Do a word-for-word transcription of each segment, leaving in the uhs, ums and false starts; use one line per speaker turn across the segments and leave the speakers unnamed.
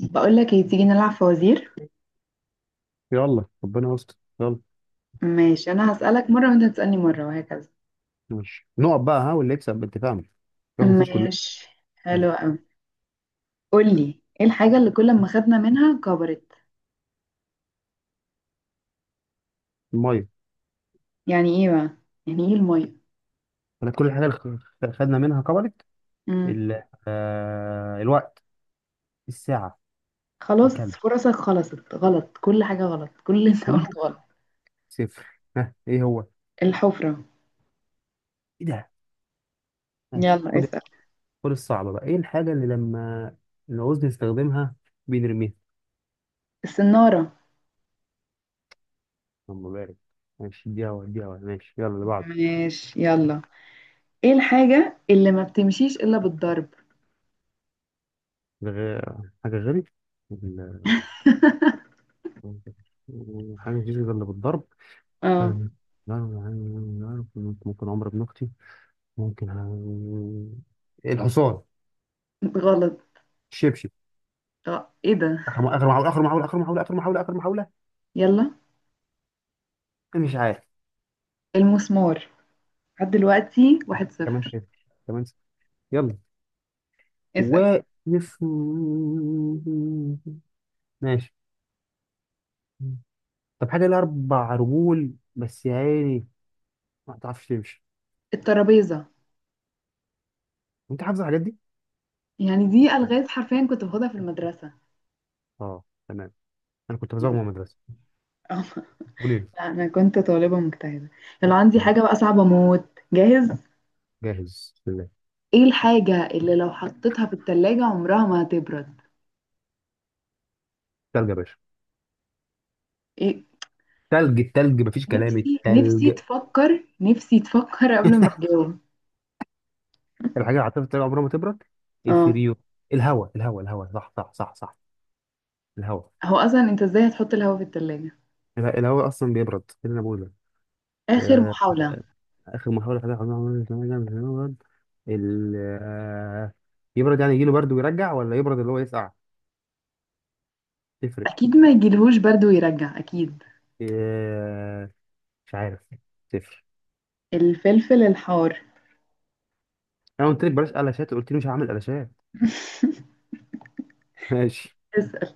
بقول لك ايه، تيجي نلعب فوازير.
يلا، ربنا يستر. يلا،
ماشي، انا هسألك مرة وانت هتسألني مرة وهكذا.
ماشي، نقط بقى. ها، واللي يكسب بالتفاهم ياخد الفلوس كلها.
ماشي.
يلا.
حلو قوي. قول لي، ايه الحاجة اللي كل ما خدنا منها كبرت؟
الميه.
يعني ايه بقى؟ يعني ايه المية؟
انا كل الحاجه اللي خ- خدنا منها كبرت.
امم
ال... آه... الوقت. الساعه.
خلاص،
الكلب.
فرصك خلصت. غلط، كل حاجة غلط، كل اللي انت
كله
قلت غلط.
صفر. ها، ايه هو؟
الحفرة.
ايه ده؟ ماشي،
يلا
خد.
اسأل.
خد الصعبه بقى. ايه الحاجه اللي لما نعوز نستخدمها بنرميها؟
السنارة.
اللهم بارك. ماشي، اديها هوا، اديها هوا. ماشي، يلا اللي بعده.
ماشي يلا. ايه الحاجة اللي ما بتمشيش الا بالضرب؟
غ... حاجه غيري. ال- حاجه مفيش غير اللي بالضرب. أنا-
اه.
لا، أنا- أنا- أنا ممكن عمرو بن اختي. ممكن ه- الحصان.
غلط.
الشبشب.
اه، ايه ده؟
اخر م- اخر محاوله، اخر محاوله، اخر محاوله، اخر محاوله، اخر محاوله.
يلا.
أنا مش عارف.
المسمار. لحد دلوقتي واحد
كمان
صفر.
صفر، كمان صفر. يلا.
اسأل.
واقف. ماشي. طب حاجه لها اربع رجول بس يا عيني ما بتعرفش تمشي.
الترابيزة.
انت حافظ الحاجات دي؟
يعني دي ألغاز حرفيا كنت باخدها في المدرسة.
اه، تمام. انا كنت بزوغ
يعني
من المدرسه.
آه،
قولي لي.
لا، أنا كنت طالبة مجتهدة. لو عندي
طب
حاجة بقى صعبة موت، جاهز.
جاهز، بسم الله.
إيه الحاجة اللي لو حطيتها في التلاجة عمرها ما هتبرد؟
تلج يا باشا.
إيه؟
تلج، التلج مفيش كلام،
نفسي
التلج.
نفسي تفكر نفسي تفكر قبل ما تجاوب.
الحاجة اللي هتفضل عمرها ما تبرد.
اه.
الفريون. الهواء الهواء الهواء، صح صح صح صح. الهواء.
هو أصلا أنت إزاي هتحط الهوا في التلاجة؟
الهواء الهواء أصلا بيبرد، إيه اللي أنا بقوله.
آخر
آه،
محاولة.
آخر محاولة. حاجة عمرها ما تبرد. ال آه، يبرد يعني يجيله برد ويرجع، ولا يبرد اللي هو يسقع؟ تفرق.
أكيد ما يجيلهوش برد ويرجع، أكيد.
آه، مش عارف. تفرق.
الفلفل الحار.
أنا قلت لك بلاش قلاشات، قلت لي مش هعمل قلاشات. ماشي.
اسأل.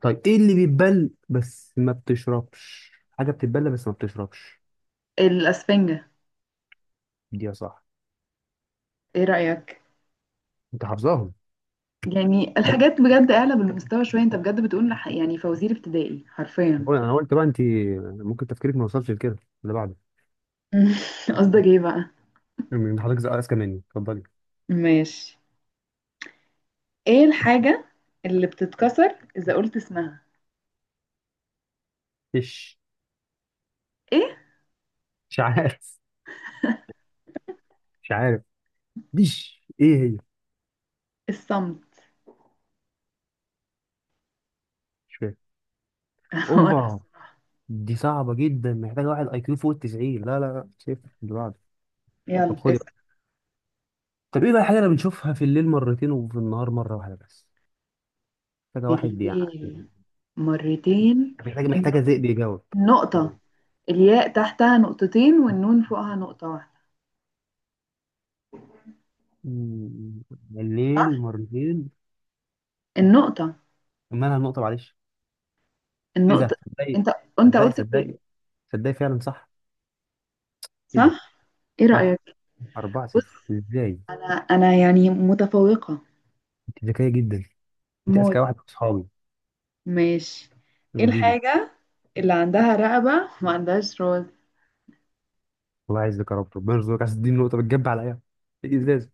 طيب ايه اللي بيتبل بس ما بتشربش؟ حاجة بتتبل بس ما بتشربش.
الأسفنجة.
دي يا صح.
إيه رأيك؟
انت حافظاهم.
يعني الحاجات بجد اعلى بالمستوى شوية، انت بجد بتقول لح- يعني فوازير ابتدائي
انا
حرفيا.
قلت، أنا قلت بقى. انت ممكن تفكيرك ما وصلش لكده. اللي بعده.
قصدك ايه بقى؟
من حضرتك زي اذكى مني، اتفضلي.
ماشي. ايه الحاجة اللي بتتكسر اذا قلت اسمها؟
ايش؟
ايه؟
مش عارف. مش عارف. ديش ايه هي؟
الصمت.
مش فاهم.
هو انا،
اوبا.
الصراحة.
دي صعبه جدا، محتاجه واحد اي كيو فوق ال تسعين. لا لا لا، صفر. اللي بعده. طب
يلا
خدي
اسم.
بقى. طب ايه بقى الحاجه اللي بنشوفها في الليل مرتين وفي النهار مره واحده بس؟ محتاجه واحد يعني.
الياء، مرتين.
محتاجه، محتاجه
الن-
ذئب يجاوب.
النقطة. الياء تحتها نقطتين والنون فوقها نقطة واحدة.
مم. الليل
صح.
مرتين.
النقطة.
مالها النقطه؟ معلش. ايه
النقطة.
ده، صدقي؟
انت انت
صدقي
قلت في.
صدقي، تصدقي؟ فعلا صح. ايه ده،
صح. ايه رأيك؟
صح. اربعة
بص،
صفر ازاي؟
انا يعني متفوقة
انت ذكيه جدا. انت اذكى
موت.
واحد في اصحابي.
ماشي. ايه
وديني.
الحاجة اللي عندها رقبة ما عندهاش راس؟
الله يعزك يا رب، ربنا يرزقك. عايز تديني نقطه بتجب عليا. ايه؟ إيه، الازاز.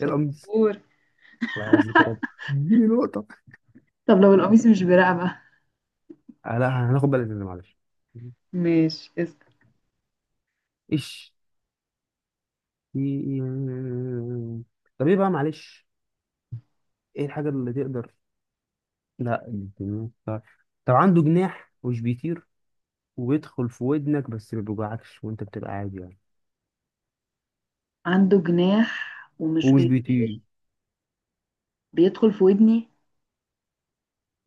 ايه، القميص. الله يعزك يا رب. اديني نقطه.
طب لو القميص مش برقبة؟
آه لا، هناخد بالك من ده، معلش.
ماشي اسكت.
ايش؟ طب ايه بقى، معلش. ايه الحاجه اللي تقدر. لا، الجنون. طب. طب عنده جناح ومش بيطير، وبيدخل في ودنك بس ما بيوجعكش، وانت بتبقى عادي يعني.
عنده جناح ومش
ومش بيطير.
بيطير، بيدخل في ودني.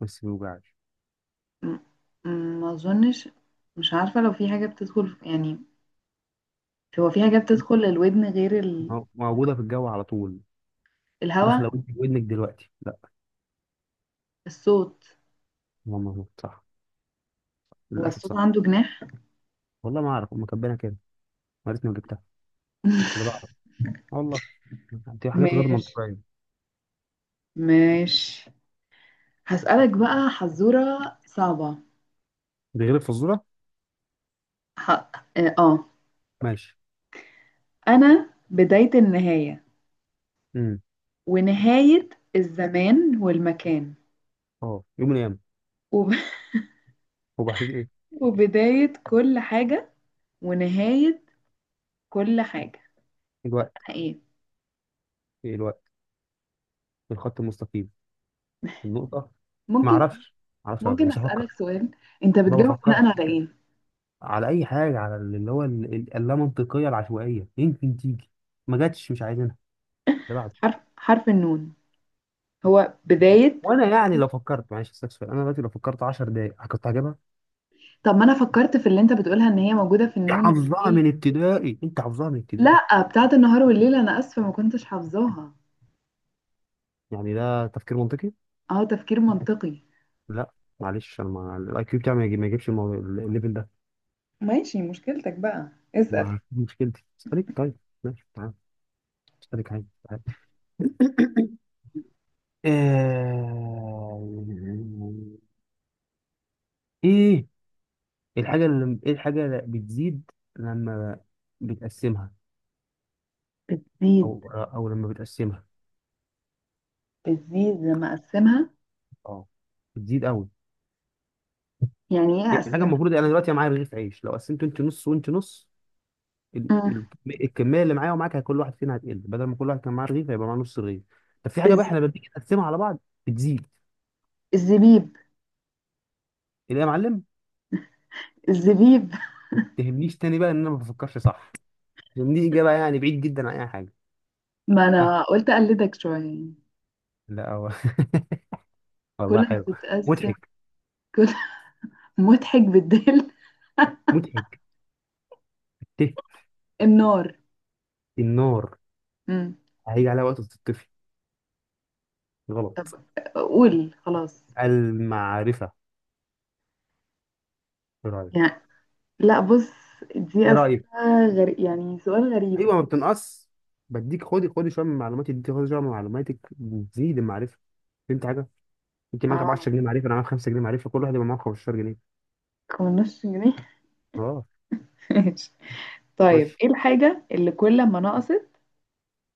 بس ما بيوجعكش.
م- م- ما اظنش. مش عارفة لو في حاجة بتدخل في، يعني. هو في حاجة بتدخل الودن غير ال...
مو- موجودة في الجو على طول. داخلة
الهواء.
ودنك، ودنك دلوقتي لا.
الصوت.
هو مظبوط، صح.
هو
للأسف
الصوت
صح.
عنده جناح؟
والله ما أعرف، هم كاتبينها كده. يا ريتني ما جبتها. اللي بعده. آه والله. دي حاجات غير
ماشي
منطقية.
ماشي. هسألك بقى حزورة صعبة.
دي غير الفزورة.
ح... اه آه.
ماشي.
أنا بداية النهاية
امم.
ونهاية الزمان والمكان
اه، يوم من الأيام.
وب...
هو بعد إيه؟
وبداية كل حاجة ونهاية كل حاجة.
الوقت.
أنا إيه؟
إيه، الوقت. الخط المستقيم. النقطة. ما
ممكن.
أعرفش. ما أعرفش، أبقى
ممكن
مش هفكر.
أسألك سؤال؟ أنت
ما
بتجاوب بناء
بفكرش.
على إيه؟
على أي حاجة، على اللي هو ال- ال- اللامنطقية العشوائية يمكن تيجي، ما جاتش، مش عايزينها. اللي بعده.
حرف، حرف النون. هو بداية
وأنا يعني
كلمة.
لو فكرت، معلش استكفى، أنا دلوقتي لو فكرت 10 دقايق كنت هجيبها.
طب ما أنا فكرت في اللي أنت بتقولها إن هي موجودة في النون
حافظها
والليل.
من ابتدائي، انت حافظها من ابتدائي.
لا، بتاعت النهار والليل، أنا آسفة ما كنتش حافظاها.
يعني ده تفكير منطقي؟
أهو تفكير منطقي.
لا. معلش، انا ما الاي كيو بتاعي ما يجي- ما يجيبش المو- الليفل ده.
ماشي، مشكلتك بقى. اسأل.
ما دي مشكلتي، اسالك طيب. ماشي، تعال. اسالك عادي، تعال. آه، ايه الحاجه اللي، ايه الحاجه اللي بتزيد لما بتقسمها؟
بتزيد.
او، او لما بتقسمها.
بتزيد لما أقسمها؟
اه، بتزيد قوي.
يعني ايه
يعني حاجه،
اقسمها؟
المفروض انا دلوقتي معايا رغيف عيش، لو قسمته انت نص وانت نص، ال-
مم.
ال- الكميه اللي معايا ومعاك كل واحد فينا هتقل، بدل ما كل واحد كان معاه رغيف هيبقى معاه نص رغيف. طب في حاجه بقى
الز-
احنا لما بنيجي نقسمها على بعض بتزيد.
الزبيب.
اللي يا معلم.
الزبيب.
تهمنيش تاني بقى ان انا ما بفكرش صح، لان دي اجابه يعني بعيد جدا عن اي حاجه.
ما
ها،
انا قلت اقلدك شويه يعني.
لا هو. والله
كل ما
حلو.
تتقسم.
مضحك.
كل مضحك بالدل.
مضحك. الته.
النار.
النار.
مم.
هيجي عليها وقت تطفي.
طب
غلط.
قول خلاص.
المعرفه. ايه رايك؟
يعني لا بص،
ايه
دي
رايك؟
اسئله غريب، يعني سؤال غريب.
ايوه، ما بتنقص. بديك، خدي خدي شويه من معلوماتي، اديتي، خدي شويه من معلوماتك، بتزيد المعرفه. فهمت حاجه؟ انت معاك
اه،
عشر جنيه معرفه، انا معاك خمسة جنيه معرفه، كل واحد يبقى معاه خمسة عشر جنيه.
خمستاشر جنيه.
اه.
ماشي. طيب،
خش.
ايه الحاجه اللي كل ما نقصت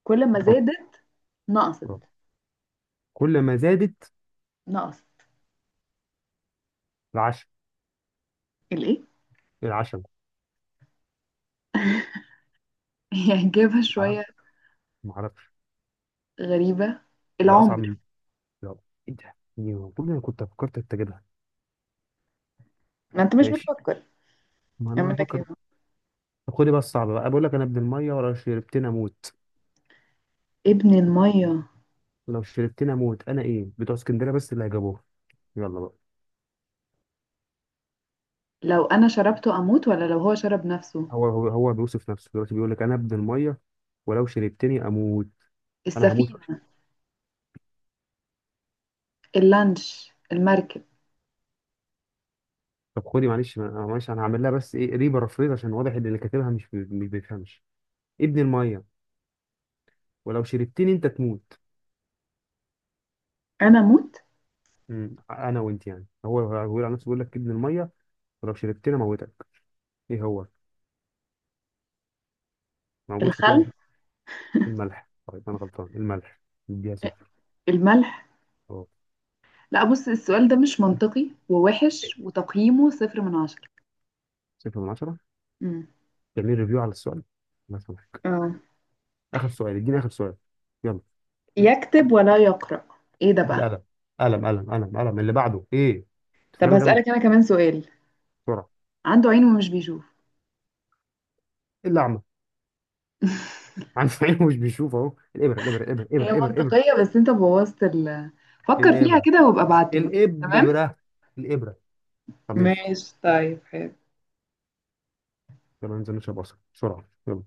كل ما
حط.
زادت نقصت؟
آه. كل ما زادت.
نقصت.
العشم.
الايه؟
العشم.
يعني إجابة
معرفش.
شوية
معرفش.
غريبة.
دي اصعب
العمر.
من. يلا. ايه ده، دي المفروض انا كنت فكرت اتجدها.
ما انت مش
ماشي.
بتفكر.
ما انا
اعمل لك ايه؟
هفكر. طب خدي بقى الصعبه بقى. بقول لك انا ابن الميه ولو شربتني اموت.
ابن المية؟
لو شربتني اموت، انا ايه؟ بتوع اسكندريه بس اللي هيجابوه. يلا بقى.
لو أنا شربته أموت ولا لو هو شرب نفسه؟
هو هو هو بيوصف نفسه دلوقتي، بيقول لك انا ابن الميه ولو شربتني اموت، انا هموت.
السفينة. اللانش، المركب.
طب خدي معلش، ما- معلش انا هعمل لها بس ايه، ريبارافريز، عشان واضح ان اللي كاتبها مش بي... مش بيفهمش. ابن الميه ولو شربتني انت تموت.
أنا أموت.
امم، انا وانت يعني، هو هو بيقول على نفسه، بيقول لك ابن الميه ولو شربتني موتك ايه هو؟ موجود في كل
الخل.
حاجة. الملح. طيب انا غلطان، الملح. اديها صفر.
الملح.
اه.
لا بص، السؤال ده مش منطقي ووحش وتقييمه صفر من عشرة.
صفر من عشرة.
مم.
تعمل ريفيو على السؤال، ما سمحت.
آه.
اخر سؤال، اديني اخر سؤال. يلا.
يكتب ولا يقرأ؟ ايه ده بقى؟
القلم. قلم قلم قلم قلم. اللي بعده ايه، انت
طب
فاكرني غبي.
هسألك أنا كمان سؤال.
بسرعه.
عنده عين ومش بيشوف؟
الاعمى. عنده عين مش بيشوف، اهو. الابره الابره الابره
هي
الابره الابره
منطقية بس انت بوظت ال فكر فيها
الابره
كده وابقى ابعتلي. تمام.
الابره الابره. طب ماشي.
ماشي، طيب، حلو.
يلا ننزل نشرب عصير بسرعه، يلا.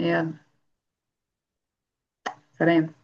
يلا. سلام.